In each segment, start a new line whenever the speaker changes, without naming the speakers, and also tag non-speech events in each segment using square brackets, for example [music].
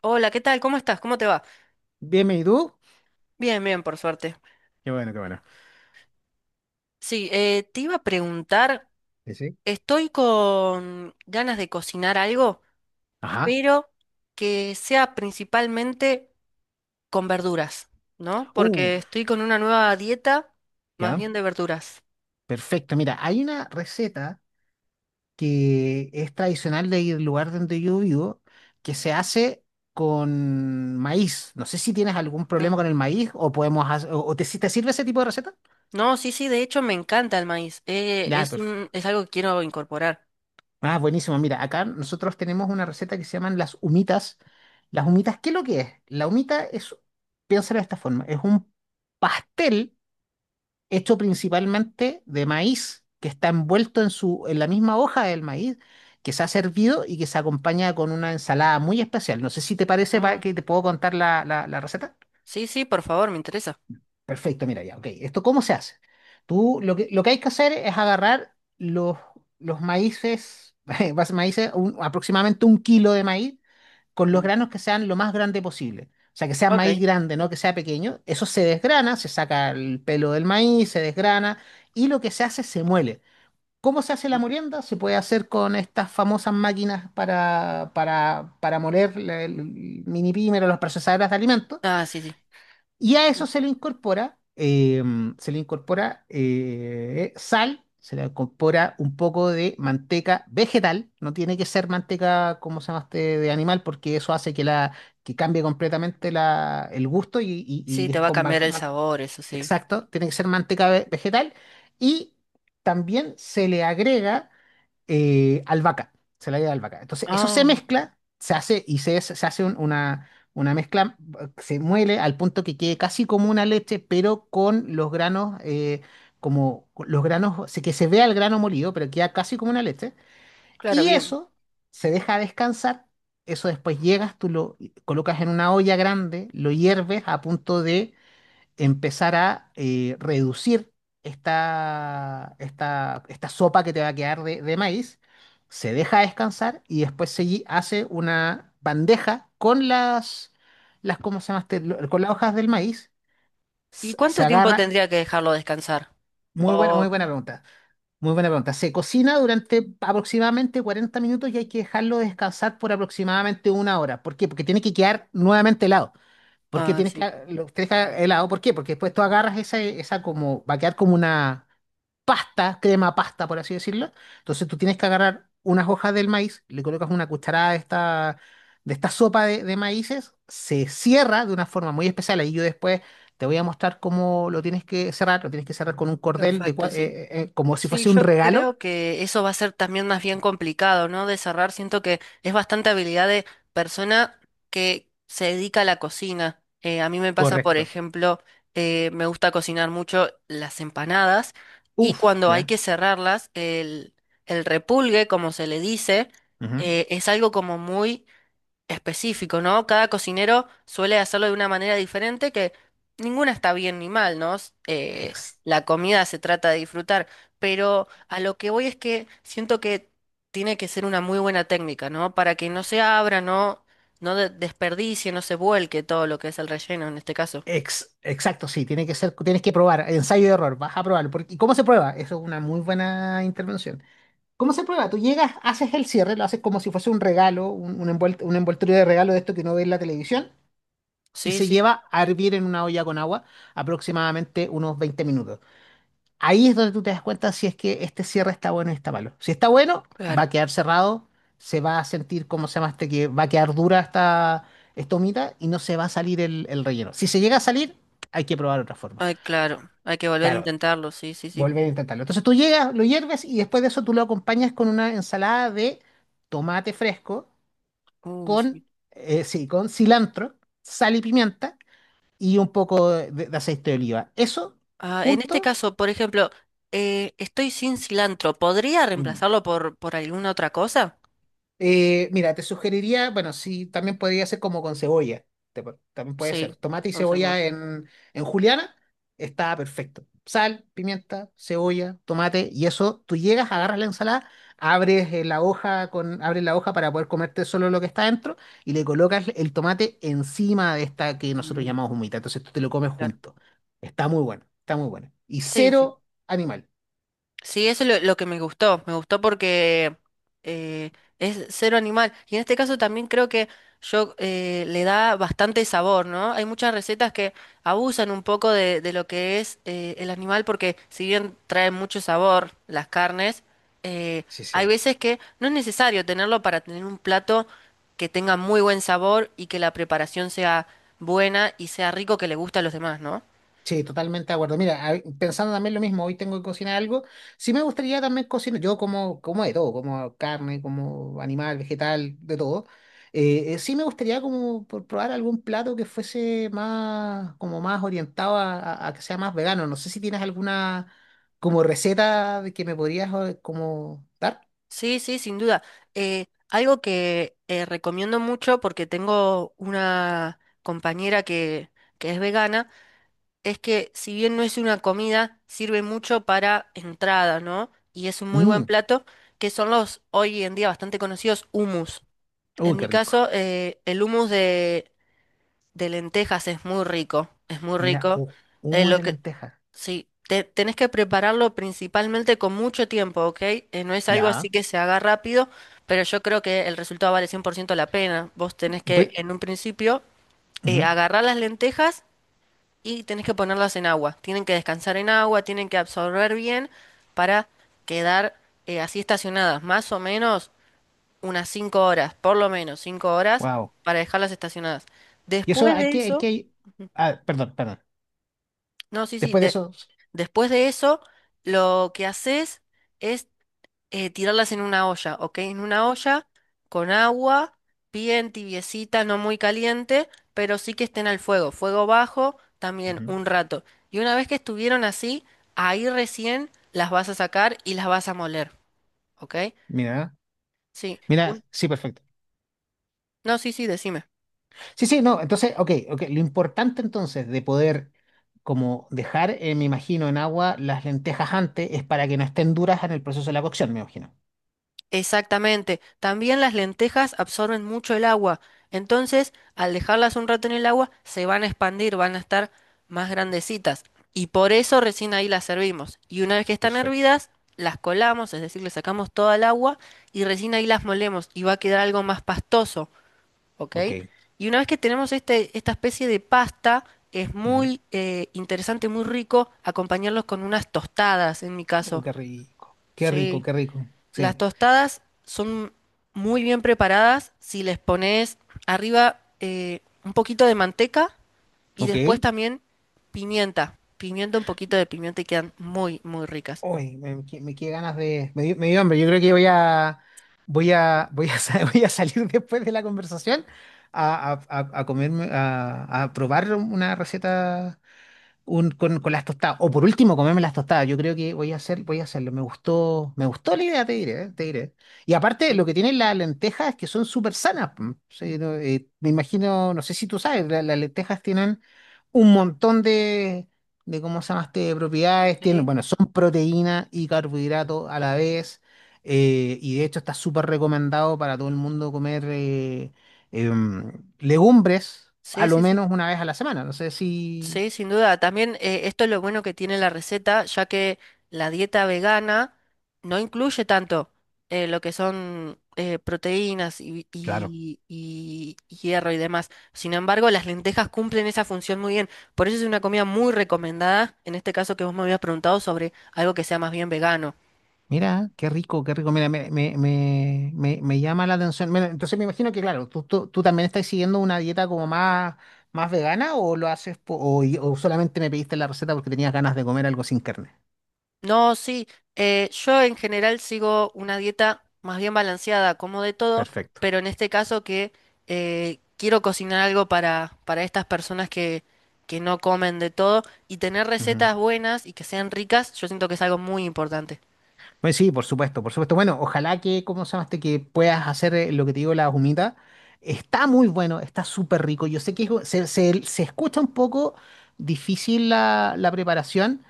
Hola, ¿qué tal? ¿Cómo estás? ¿Cómo te va?
Bien, ¿y tú?
Bien, bien, por suerte.
Qué bueno, qué bueno.
Sí, te iba a preguntar,
Sí, sí.
estoy con ganas de cocinar algo,
Ajá.
pero que sea principalmente con verduras, ¿no? Porque
Uf,
estoy con una nueva dieta más
ya.
bien de verduras.
Perfecto. Mira, hay una receta que es tradicional del lugar donde yo vivo que se hace con maíz. No sé si tienes algún
No,
problema con el maíz o podemos hacer, o si te sirve ese tipo de receta.
no, sí, sí, de hecho me encanta el maíz. eh,
Ya,
es
perfecto.
un, es algo que quiero incorporar.
Ah, buenísimo. Mira, acá nosotros tenemos una receta que se llaman las humitas. Las humitas, ¿qué es lo que es? La humita es, piénsalo de esta forma, es un pastel, hecho principalmente de maíz, que está envuelto en la misma hoja del maíz, que se ha servido y que se acompaña con una ensalada muy especial. No sé si te parece para
Ah,
que te puedo contar la receta.
sí, sí, por favor, me interesa.
Perfecto, mira ya, ok. ¿Esto cómo se hace? Tú lo que hay que hacer es agarrar los maíces, [laughs] maíces, aproximadamente un kilo de maíz, con los
Mm,
granos que sean lo más grande posible. O sea, que sea
ok.
maíz grande, no que sea pequeño. Eso se desgrana, se saca el pelo del maíz, se desgrana y lo que se hace se muele. ¿Cómo se hace la molienda? Se puede hacer con estas famosas máquinas para, moler el mini primer o las procesadoras de alimentos.
Ah, sí, sí.
Y a eso se le incorpora sal, se le incorpora un poco de manteca vegetal, no tiene que ser manteca, como se llama este, de animal, porque eso hace que cambie completamente el gusto y, y-
Sí,
y
te
es
va a
con...
cambiar
mar-
el
ma-
sabor, eso sí.
Exacto, tiene que ser manteca vegetal y también se le agrega albahaca, se la lleva albahaca. Entonces, eso se
Ah,
mezcla, se hace y se hace una mezcla, se muele al punto que quede casi como una leche, pero con los granos, como con los granos, o que se vea el grano molido, pero queda casi como una leche.
claro,
Y
bien.
eso se deja descansar. Eso después llegas, tú lo colocas en una olla grande, lo hierves a punto de empezar a reducir esta sopa que te va a quedar de maíz, se deja descansar y después se hace una bandeja con las ¿cómo se llama este? Con las hojas del maíz,
¿Y
se
cuánto tiempo
agarra,
tendría que dejarlo descansar? Oh,
muy buena pregunta, muy buena pregunta. Se cocina durante aproximadamente 40 minutos y hay que dejarlo descansar por aproximadamente una hora. ¿Por qué? Porque tiene que quedar nuevamente helado. ¿Por qué
ah,
tienes que,
sí,
lo tienes que helado? ¿Por qué? Porque después tú agarras esa como, va a quedar como una pasta, crema pasta, por así decirlo. Entonces tú tienes que agarrar unas hojas del maíz, le colocas una cucharada de esta sopa de maíces, se cierra de una forma muy especial. Ahí yo después te voy a mostrar cómo lo tienes que cerrar. Lo tienes que cerrar con un cordel,
perfecto, sí.
como si
Sí,
fuese un
yo
regalo.
creo que eso va a ser también más bien complicado, ¿no? De cerrar, siento que es bastante habilidad de persona que se dedica a la cocina. A mí me pasa, por
Correcto.
ejemplo, me gusta cocinar mucho las empanadas y
Uf,
cuando hay
ya.
que cerrarlas, el repulgue, como se le dice,
Ujú.
es algo como muy específico, ¿no? Cada cocinero suele hacerlo de una manera diferente que ninguna está bien ni mal, ¿no? S- eh,
Ex-
la comida se trata de disfrutar, pero a lo que voy es que siento que tiene que ser una muy buena técnica, ¿no? Para que no se abra, no, no desperdicie, no se vuelque todo lo que es el relleno en este caso.
exacto, sí, tienes que probar, ensayo y error, vas a probar. Porque, ¿y cómo se prueba? Eso es una muy buena intervención. ¿Cómo se prueba? Tú llegas, haces el cierre, lo haces como si fuese un regalo, un envoltorio de regalo de esto que uno ve en la televisión, y
Sí,
se
sí,
lleva a hervir en una olla con agua aproximadamente unos 20 minutos. Ahí es donde tú te das cuenta si es que este cierre está bueno y está malo. Si está bueno, va
claro.
a quedar cerrado, se va a sentir, ¿cómo se llama este? Que va a quedar dura esta humita y no se va a salir el relleno. Si se llega a salir, hay que probar otra forma.
Ay, claro. Hay que volver a
Claro,
intentarlo, sí, sí, sí.
volver a intentarlo. Entonces tú llegas, lo hierves y después de eso tú lo acompañas con una ensalada de tomate fresco,
Uy, sí.
con, sí, con cilantro, sal y pimienta y un poco de aceite de oliva. Eso,
Ah, en este
punto.
caso, por ejemplo, estoy sin cilantro. ¿Podría reemplazarlo por alguna otra cosa?
Mira, te sugeriría, bueno, sí, también podría ser como con cebolla. También puede
Sí,
ser. Tomate y
con cebolla.
cebolla en juliana está perfecto. Sal, pimienta, cebolla, tomate y eso, tú llegas, agarras la ensalada, abres la hoja para poder comerte solo lo que está dentro y le colocas el tomate encima de esta que nosotros
Mm,
llamamos humita. Entonces tú te lo comes
claro.
junto. Está muy bueno, está muy bueno. Y
Sí, sí.
cero animal.
Sí, eso es lo que me gustó. Me gustó porque eh, es cero animal. Y en este caso también creo que yo le da bastante sabor, ¿no? Hay muchas recetas que abusan un poco de lo que es el animal porque si bien traen mucho sabor las carnes, eh,
Sí,
hay
sí.
veces que no es necesario tenerlo para tener un plato que tenga muy buen sabor y que la preparación sea buena y sea rico que le guste a los demás, ¿no?
Sí, totalmente de acuerdo. Mira, pensando también lo mismo, hoy tengo que cocinar algo. Sí me gustaría también cocinar, yo como, como de todo, como carne, como animal, vegetal, de todo. Sí me gustaría como por probar algún plato que fuese más, como más orientado a que sea más vegano. No sé si tienes alguna como receta de que me podrías como dar.
Sí, sí, sin duda. Algo que recomiendo mucho porque tengo una compañera que es vegana, es que si bien no es una comida, sirve mucho para entrada, ¿no? Y es un muy buen
Mm,
plato, que son los hoy en día bastante conocidos hummus.
uy,
En
qué
mi
rico.
caso, el hummus de lentejas es muy rico, es muy
Mira,
rico. Eh,
humo
lo
de
que,
lenteja.
sí, tenés que prepararlo principalmente con mucho tiempo, ¿ok? No es algo así
Ya.
que se haga rápido, pero yo creo que el resultado vale 100% la pena. Vos tenés que, en un principio, agarrar las lentejas y tenés que ponerlas en agua. Tienen que descansar en agua, tienen que absorber bien para quedar así estacionadas, más o menos unas 5 horas, por lo menos 5 horas
Wow.
para dejarlas estacionadas.
Y eso.
Después de eso.
Ah, perdón, perdón.
No, sí, sí.
Después de
de-
eso,
después de eso, lo que haces es tirarlas en una olla, ¿ok? En una olla con agua, bien tibiecita, no muy caliente, pero sí que estén al fuego, fuego bajo, también
Ujú.
un rato. Y una vez que estuvieron así, ahí recién las vas a sacar y las vas a moler, ¿ok?
mira,
Sí.
mira, sí, perfecto.
No, sí, sí, decime.
Sí, sí, no, entonces, ok, ok. Lo importante entonces de poder como dejar, me imagino, en agua las lentejas antes es para que no estén duras en el proceso de la cocción, me imagino.
Exactamente. También las lentejas absorben mucho el agua. Entonces, al dejarlas un rato en el agua, se van a expandir, van a estar más grandecitas. Y por eso recién ahí las servimos. Y una vez que están
Perfecto.
hervidas, las colamos, es decir, le sacamos toda el agua y recién ahí las molemos y va a quedar algo más pastoso, ¿ok?
Ok.
Y una vez que tenemos esta especie de pasta, es
Ujú.
muy interesante, muy rico acompañarlos con unas tostadas, en mi caso.
Qué rico, qué rico,
Sí.
qué rico.
Las
Sí,
tostadas son muy bien preparadas si les pones arriba un poquito de manteca y
ok.
después también pimienta. Pimienta, un poquito de pimienta y quedan muy, muy ricas.
Uy, me quedé ganas de. Me dio hambre. Yo creo que voy a. [laughs] [laughs] Voy a salir después de la conversación a comerme, a probar una receta con las tostadas. O por último, comerme las tostadas. Yo creo que voy a hacer, voy a hacerlo. Me gustó la idea, te diré. Y aparte, lo que tienen las lentejas es que son súper sanas. Mm. Sí, no, me imagino, no sé si tú sabes, las lentejas tienen un montón de ¿cómo se llama este? Propiedades. Tienen,
Sí.
bueno, son proteína y carbohidrato a la vez. Y de hecho está súper recomendado para todo el mundo comer em, legumbres a
Sí,
lo
sí, sí.
menos una vez a la semana. No sé si...
Sí, sin duda. También esto es lo bueno que tiene la receta, ya que la dieta vegana no incluye tanto lo que son proteínas y, vi-
Claro.
y- y- y hierro y demás. Sin embargo, las lentejas cumplen esa función muy bien. Por eso es una comida muy recomendada, en este caso que vos me habías preguntado sobre algo que sea más bien vegano.
Mira, qué rico, qué rico. Mira, me llama la atención. Mira, entonces me imagino que, claro, tú también estás siguiendo una dieta como más, vegana o lo haces o solamente me pediste la receta porque tenías ganas de comer algo sin carne.
No, sí, yo en general sigo una dieta más bien balanceada, como de todo,
Perfecto.
pero en este caso que quiero cocinar algo para, estas personas que no comen de todo y tener
Ujú.
recetas buenas y que sean ricas, yo siento que es algo muy importante.
Pues sí, por supuesto, por supuesto. Bueno, ojalá que, ¿cómo se llama este? Que puedas hacer lo que te digo, la humita. Está muy bueno, está súper rico. Yo sé que se escucha un poco difícil la preparación,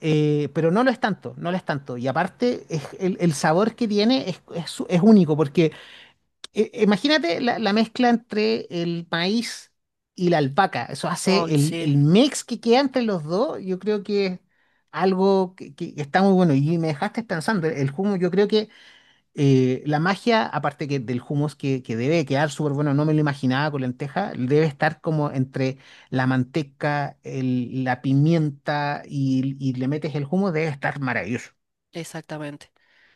pero no lo es tanto, no lo es tanto. Y aparte, el sabor que tiene es único, porque imagínate la mezcla entre el maíz y la alpaca. Eso hace
Ay,
el,
sí,
el mix que queda entre los dos. Yo creo que es algo que está muy bueno. Y me dejaste pensando, el hummus, yo creo que la magia, aparte que del hummus que debe quedar súper bueno, no me lo imaginaba con lenteja, debe estar como entre la manteca, la pimienta y le metes el hummus, debe estar maravilloso.
exactamente.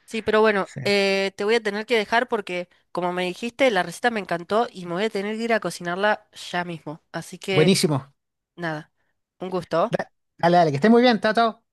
Sí, pero bueno,
Sí.
te voy a tener que dejar porque, como me dijiste, la receta me encantó y me voy a tener que ir a cocinarla ya mismo. Así que,
Buenísimo.
nada, un gusto.
Da- Dale, dale, que esté muy bien, chao, chao.